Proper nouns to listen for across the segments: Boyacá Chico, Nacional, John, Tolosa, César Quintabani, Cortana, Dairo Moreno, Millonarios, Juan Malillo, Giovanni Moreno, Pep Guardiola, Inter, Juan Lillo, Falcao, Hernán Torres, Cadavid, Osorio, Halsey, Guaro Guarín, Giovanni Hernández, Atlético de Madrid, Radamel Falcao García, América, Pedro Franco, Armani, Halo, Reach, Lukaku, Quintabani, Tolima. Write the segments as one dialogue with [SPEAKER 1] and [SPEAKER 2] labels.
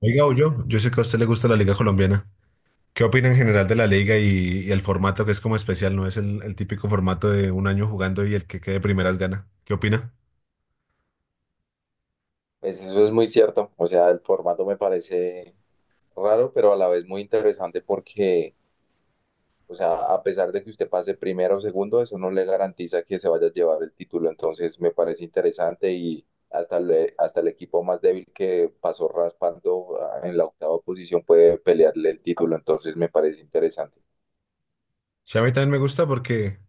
[SPEAKER 1] Oiga, yo sé que a usted le gusta la Liga Colombiana. ¿Qué opina en general de la liga y el formato que es como especial? No es el típico formato de un año jugando y el que quede primeras gana. ¿Qué opina?
[SPEAKER 2] Pues eso es muy cierto, o sea, el formato me parece raro, pero a la vez muy interesante porque, o sea, a pesar de que usted pase primero o segundo, eso no le garantiza que se vaya a llevar el título, entonces me parece interesante y hasta el equipo más débil que pasó raspando en la octava posición puede pelearle el título, entonces me parece interesante.
[SPEAKER 1] Sí, a mí también me gusta porque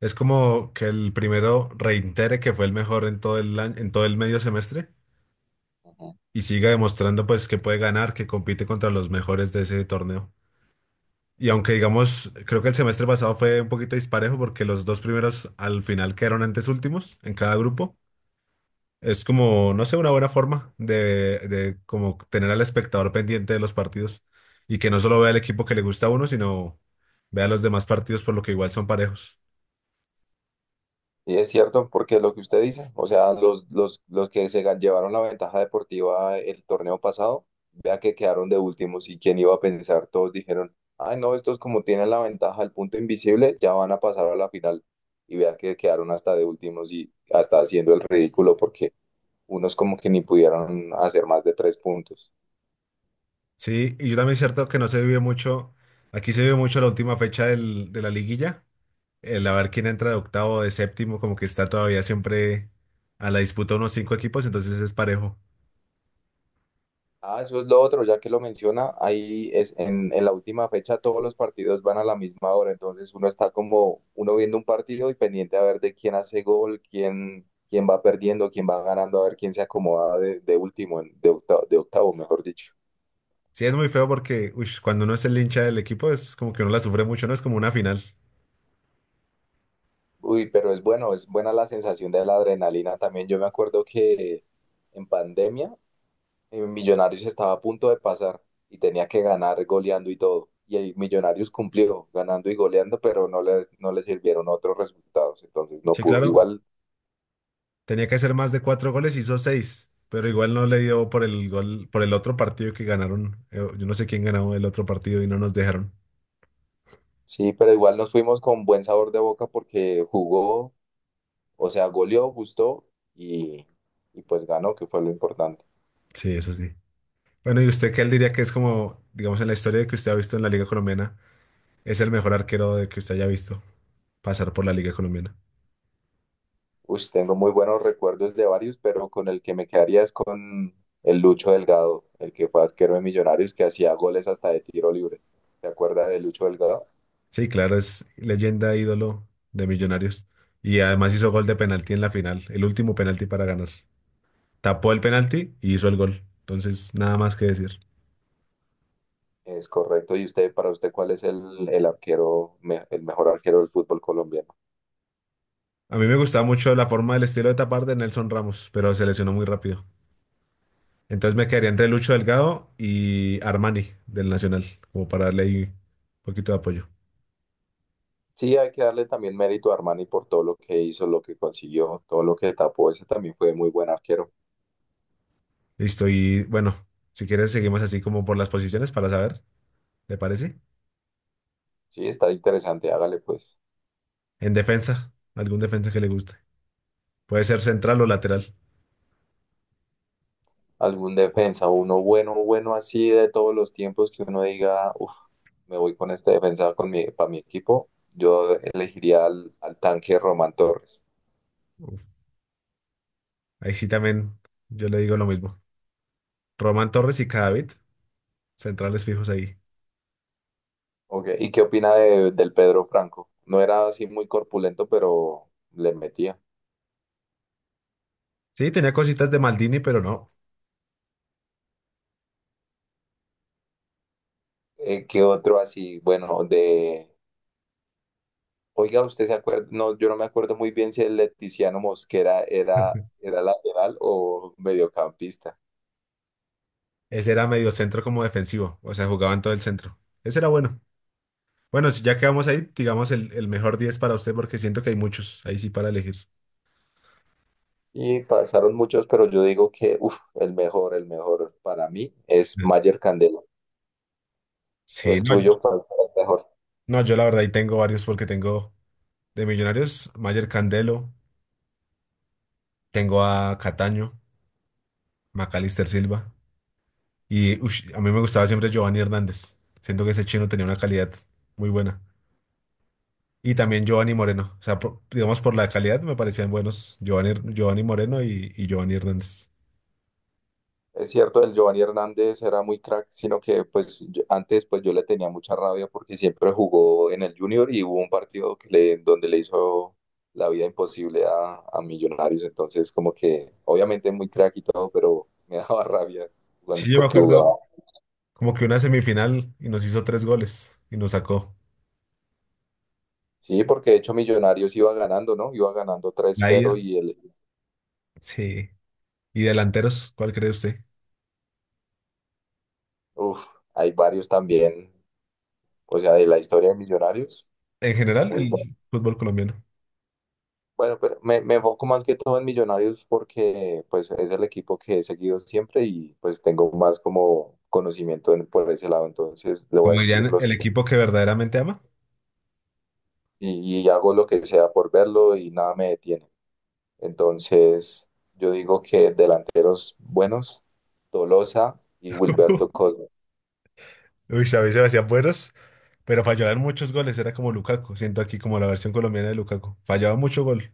[SPEAKER 1] es como que el primero reitere que fue el mejor en todo el en todo el medio semestre
[SPEAKER 2] Ujú.
[SPEAKER 1] y siga demostrando pues que puede ganar, que compite contra los mejores de ese torneo. Y aunque digamos, creo que el semestre pasado fue un poquito disparejo porque los dos primeros al final quedaron antes últimos en cada grupo. Es como, no sé, una buena forma de como tener al espectador pendiente de los partidos y que no solo vea el equipo que le gusta a uno, sino vea los demás partidos por lo que igual son parejos.
[SPEAKER 2] Y es cierto, porque lo que usted dice, o sea, los que llevaron la ventaja deportiva el torneo pasado, vea que quedaron de últimos y quién iba a pensar, todos dijeron, ay no, estos como tienen la ventaja del punto invisible, ya van a pasar a la final. Y vea que quedaron hasta de últimos y hasta haciendo el ridículo porque unos como que ni pudieron hacer más de tres puntos.
[SPEAKER 1] Sí, y yo también es cierto que no se vive mucho, aquí se vive mucho la última de la liguilla, el a ver quién entra de octavo o de séptimo, como que está todavía siempre a la disputa unos cinco equipos, entonces es parejo.
[SPEAKER 2] Ah, eso es lo otro, ya que lo menciona, ahí es en la última fecha todos los partidos van a la misma hora, entonces uno está como uno viendo un partido y pendiente a ver de quién hace gol, quién va perdiendo, quién va ganando, a ver quién se acomoda de último, de octavo, mejor dicho.
[SPEAKER 1] Sí, es muy feo porque uish, cuando uno es el hincha del equipo es como que uno la sufre mucho, no es como una final.
[SPEAKER 2] Uy, pero es bueno, es buena la sensación de la adrenalina también. Yo me acuerdo que en pandemia Millonarios estaba a punto de pasar y tenía que ganar goleando y todo. Y el Millonarios cumplió ganando y goleando, pero no le sirvieron otros resultados, entonces no
[SPEAKER 1] Sí,
[SPEAKER 2] pudo.
[SPEAKER 1] claro.
[SPEAKER 2] Igual,
[SPEAKER 1] Tenía que hacer más de cuatro goles, hizo seis, pero igual no le dio por el gol, por el otro partido que ganaron. Yo no sé quién ganó el otro partido y no nos dejaron.
[SPEAKER 2] sí, pero igual nos fuimos con buen sabor de boca porque jugó, o sea, goleó, gustó y, y pues ganó, que fue lo importante.
[SPEAKER 1] Sí, eso sí. Bueno, ¿y usted qué él diría que es como, digamos, en la historia de que usted ha visto en la Liga Colombiana, es el mejor arquero de que usted haya visto pasar por la Liga Colombiana?
[SPEAKER 2] Uy, tengo muy buenos recuerdos de varios, pero con el que me quedaría es con el Lucho Delgado, el que fue arquero de Millonarios que hacía goles hasta de tiro libre. ¿Te acuerdas de Lucho Delgado?
[SPEAKER 1] Sí, claro, es leyenda, ídolo de Millonarios. Y además hizo gol de penalti en la final, el último penalti para ganar. Tapó el penalti y hizo el gol. Entonces, nada más que decir.
[SPEAKER 2] Es correcto. ¿Y usted, para usted, cuál es el mejor arquero del fútbol colombiano?
[SPEAKER 1] A mí me gustaba mucho la forma del estilo de tapar de Nelson Ramos, pero se lesionó muy rápido. Entonces me quedaría entre Lucho Delgado y Armani del Nacional, como para darle ahí un poquito de apoyo.
[SPEAKER 2] Sí, hay que darle también mérito a Armani por todo lo que hizo, lo que consiguió, todo lo que tapó. Ese también fue muy buen arquero.
[SPEAKER 1] Listo, y bueno, si quieres seguimos así como por las posiciones para saber, ¿te parece?
[SPEAKER 2] Sí, está interesante. Hágale pues
[SPEAKER 1] En defensa, algún defensa que le guste. Puede ser central o lateral.
[SPEAKER 2] algún defensa, uno bueno, bueno así de todos los tiempos que uno diga, uff, me voy con este defensa para mi equipo. Yo elegiría al tanque Román Torres.
[SPEAKER 1] Uf, ahí sí también yo le digo lo mismo. Román Torres y Cadavid, centrales fijos ahí.
[SPEAKER 2] Ok. ¿Y qué opina del Pedro Franco? No era así muy corpulento, pero le metía.
[SPEAKER 1] Sí, tenía cositas de Maldini, pero no.
[SPEAKER 2] ¿Qué otro así? Bueno, de... Oiga, ¿usted se acuerda? No, yo no me acuerdo muy bien si el Leticiano Mosquera era, era lateral o mediocampista.
[SPEAKER 1] Ese era medio centro como defensivo, o sea, jugaba en todo el centro. Ese era bueno. Bueno, si ya quedamos ahí, digamos el mejor 10 para usted porque siento que hay muchos ahí sí para elegir.
[SPEAKER 2] Y pasaron muchos, pero yo digo que, uff, el mejor para mí es
[SPEAKER 1] Mm.
[SPEAKER 2] Mayer Candelo.
[SPEAKER 1] Sí,
[SPEAKER 2] El
[SPEAKER 1] no,
[SPEAKER 2] suyo, ¿cuál fue el mejor?
[SPEAKER 1] no, yo la verdad ahí tengo varios porque tengo de Millonarios, Mayer Candelo, tengo a Cataño, Macalister Silva y ush, a mí me gustaba siempre Giovanni Hernández. Siento que ese chino tenía una calidad muy buena. Y también Giovanni Moreno, o sea, digamos por la calidad me parecían buenos Giovanni, Giovanni Moreno y Giovanni Hernández.
[SPEAKER 2] Es cierto, el Giovanni Hernández era muy crack, sino que antes pues yo le tenía mucha rabia porque siempre jugó en el Junior y hubo un partido que le, donde le hizo la vida imposible a Millonarios, entonces como que obviamente muy crack y todo, pero me daba rabia jugando
[SPEAKER 1] Sí, yo me
[SPEAKER 2] porque jugaba.
[SPEAKER 1] acuerdo. Como que una semifinal y nos hizo tres goles y nos sacó.
[SPEAKER 2] Sí, porque de hecho Millonarios iba ganando, ¿no? Iba ganando
[SPEAKER 1] La
[SPEAKER 2] 3-0
[SPEAKER 1] ida,
[SPEAKER 2] y el,
[SPEAKER 1] sí. ¿Y delanteros? ¿Cuál cree usted?
[SPEAKER 2] uf, hay varios también, o sea, de la historia de Millonarios,
[SPEAKER 1] En general
[SPEAKER 2] muy
[SPEAKER 1] del
[SPEAKER 2] buenos.
[SPEAKER 1] fútbol colombiano.
[SPEAKER 2] Bueno, pero me enfoco más que todo en Millonarios porque pues es el equipo que he seguido siempre y pues tengo más como conocimiento por ese lado, entonces le voy a
[SPEAKER 1] Como
[SPEAKER 2] decir
[SPEAKER 1] dirían,
[SPEAKER 2] los
[SPEAKER 1] el
[SPEAKER 2] que
[SPEAKER 1] equipo que verdaderamente ama.
[SPEAKER 2] y hago lo que sea por verlo y nada me detiene. Entonces yo digo que delanteros buenos, Tolosa y Wilberto Cosme.
[SPEAKER 1] Uy, a veces me hacían buenos, pero fallaban muchos goles. Era como Lukaku. Siento aquí como la versión colombiana de Lukaku. Fallaba mucho gol.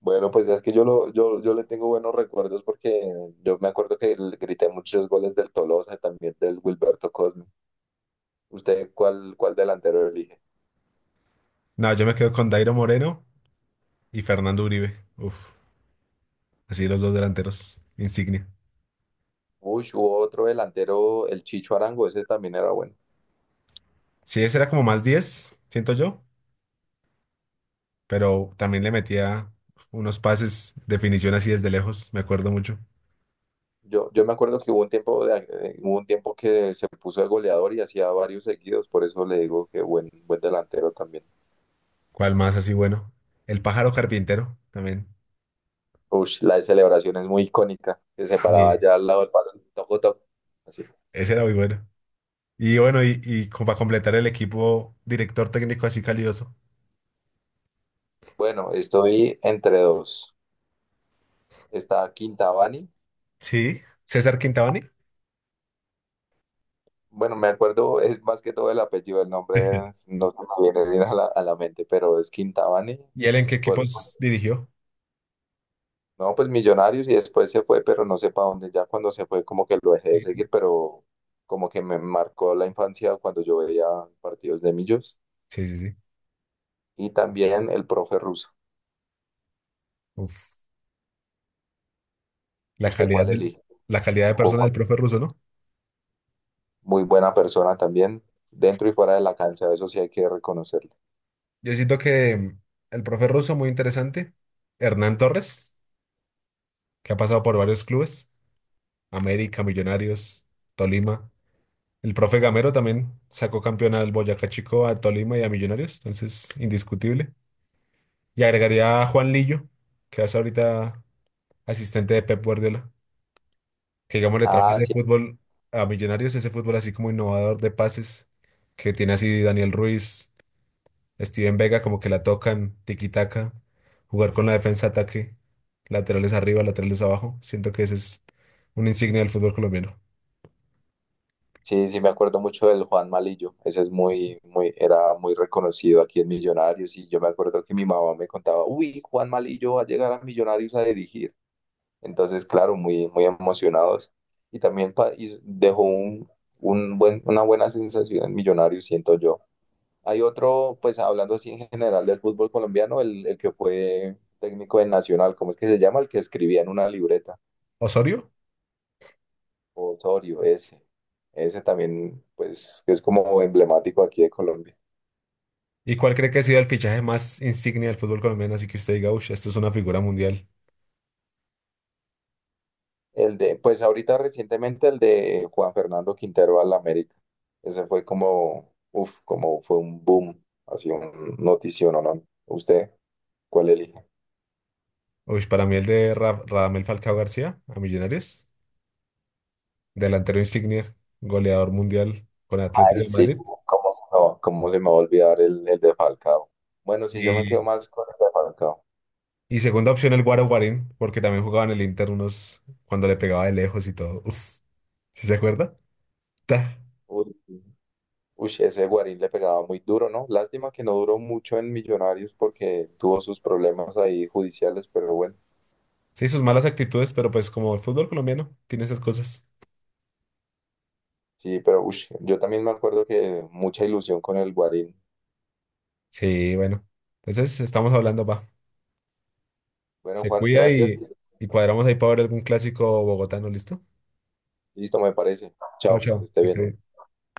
[SPEAKER 2] Bueno, pues es que yo le tengo buenos recuerdos porque yo me acuerdo que le grité muchos goles del Tolosa y también del Wilberto Cosme. ¿Usted cuál delantero elige?
[SPEAKER 1] No, yo me quedo con Dairo Moreno y Fernando Uribe. Uf, así los dos delanteros. Insignia.
[SPEAKER 2] Uy, sí, hubo otro delantero, el Chicho Arango, ese también era bueno.
[SPEAKER 1] Sí, ese era como más 10 siento yo. Pero también le metía unos pases, definición así desde lejos, me acuerdo mucho.
[SPEAKER 2] Yo me acuerdo que hubo un tiempo que se puso de goleador y hacía varios seguidos, por eso le digo que buen delantero también.
[SPEAKER 1] ¿Cuál más así bueno? El pájaro carpintero también.
[SPEAKER 2] Uy, la celebración es muy icónica, que se paraba
[SPEAKER 1] Y
[SPEAKER 2] allá al lado del balón, toco, toco. Así.
[SPEAKER 1] ese era muy bueno. Y bueno, y como para completar el equipo, director técnico así calidoso.
[SPEAKER 2] Bueno, estoy entre dos. Está Quintabani.
[SPEAKER 1] Sí, César Quintabani.
[SPEAKER 2] Bueno, me acuerdo, es más que todo el apellido, no se me viene bien a la mente, pero es Quintabani.
[SPEAKER 1] ¿Y él en qué
[SPEAKER 2] Por,
[SPEAKER 1] equipos dirigió?
[SPEAKER 2] No, pues Millonarios y después se fue, pero no sé para dónde. Ya cuando se fue, como que lo dejé de
[SPEAKER 1] Sí,
[SPEAKER 2] seguir, pero como que me marcó la infancia cuando yo veía partidos de Millos.
[SPEAKER 1] sí, sí. Sí.
[SPEAKER 2] Y también el profe ruso.
[SPEAKER 1] Uf, la
[SPEAKER 2] ¿Usted
[SPEAKER 1] calidad
[SPEAKER 2] cuál
[SPEAKER 1] de,
[SPEAKER 2] elige?
[SPEAKER 1] la calidad de
[SPEAKER 2] Con
[SPEAKER 1] persona del
[SPEAKER 2] cuál-
[SPEAKER 1] profe Russo, ¿no?
[SPEAKER 2] Muy buena persona también, dentro y fuera de la cancha, eso sí hay que reconocerlo.
[SPEAKER 1] Yo siento que el profe Russo muy interesante. Hernán Torres, que ha pasado por varios clubes. América, Millonarios, Tolima. El profe Gamero también sacó campeón al Boyacá Chico, a Tolima y a Millonarios, entonces indiscutible. Y agregaría a Juan Lillo, que es ahorita asistente de Pep Guardiola, que digamos le trajo
[SPEAKER 2] Ah,
[SPEAKER 1] ese
[SPEAKER 2] sí,
[SPEAKER 1] fútbol a Millonarios, ese fútbol así como innovador de pases, que tiene así Daniel Ruiz, Steven Vega, como que la tocan, tiki-taka, jugar con la defensa ataque, laterales arriba, laterales abajo. Siento que ese es una insignia del fútbol colombiano.
[SPEAKER 2] sí, sí, me acuerdo mucho del Juan Malillo. Ese es muy, era muy reconocido aquí en Millonarios. Y yo me acuerdo que mi mamá me contaba, uy, Juan Malillo va a llegar a Millonarios a dirigir. Entonces, claro, muy emocionados. Y también y dejó un buen, una buena sensación en Millonarios, siento yo. Hay otro, pues hablando así en general del fútbol colombiano, el que fue técnico de Nacional, ¿cómo es que se llama? El que escribía en una libreta,
[SPEAKER 1] Osorio.
[SPEAKER 2] Osorio, ese. Ese también, pues, que es como emblemático aquí de Colombia.
[SPEAKER 1] ¿Y cuál cree que ha sido el fichaje más insignia del fútbol colombiano? Así que usted diga, uff, esto es una figura mundial.
[SPEAKER 2] El de, pues ahorita recientemente el de Juan Fernando Quintero al América. Ese fue como, uff, como fue un boom, así un notición, ¿no? ¿Usted cuál elige?
[SPEAKER 1] Uff, para mí el de Radamel Falcao García a Millonarios, delantero insignia, goleador mundial con Atlético
[SPEAKER 2] Ay,
[SPEAKER 1] de
[SPEAKER 2] sí,
[SPEAKER 1] Madrid.
[SPEAKER 2] cómo cómo se me va, cómo se me va a olvidar el de Falcao. Bueno, sí yo me quedo
[SPEAKER 1] Y,
[SPEAKER 2] más con el de Falcao.
[SPEAKER 1] y segunda opción el Guaro Guarín, porque también jugaba en el Inter unos cuando le pegaba de lejos y todo. Uff, ¿sí se acuerda? Ta.
[SPEAKER 2] Uy, sí. Uy, ese Guarín le pegaba muy duro, ¿no? Lástima que no duró mucho en Millonarios porque tuvo sus problemas ahí judiciales, pero bueno,
[SPEAKER 1] Sí, sus malas actitudes, pero pues como el fútbol colombiano tiene esas cosas.
[SPEAKER 2] sí, pero uy, yo también me acuerdo que mucha ilusión con el Guarín.
[SPEAKER 1] Sí, bueno. Entonces estamos hablando, va.
[SPEAKER 2] Bueno,
[SPEAKER 1] Se
[SPEAKER 2] Juan,
[SPEAKER 1] cuida
[SPEAKER 2] gracias.
[SPEAKER 1] y cuadramos ahí para ver algún clásico bogotano, ¿listo?
[SPEAKER 2] Listo, me parece.
[SPEAKER 1] Chao,
[SPEAKER 2] Chao, que
[SPEAKER 1] chao.
[SPEAKER 2] esté
[SPEAKER 1] Que esté
[SPEAKER 2] bien.
[SPEAKER 1] bien.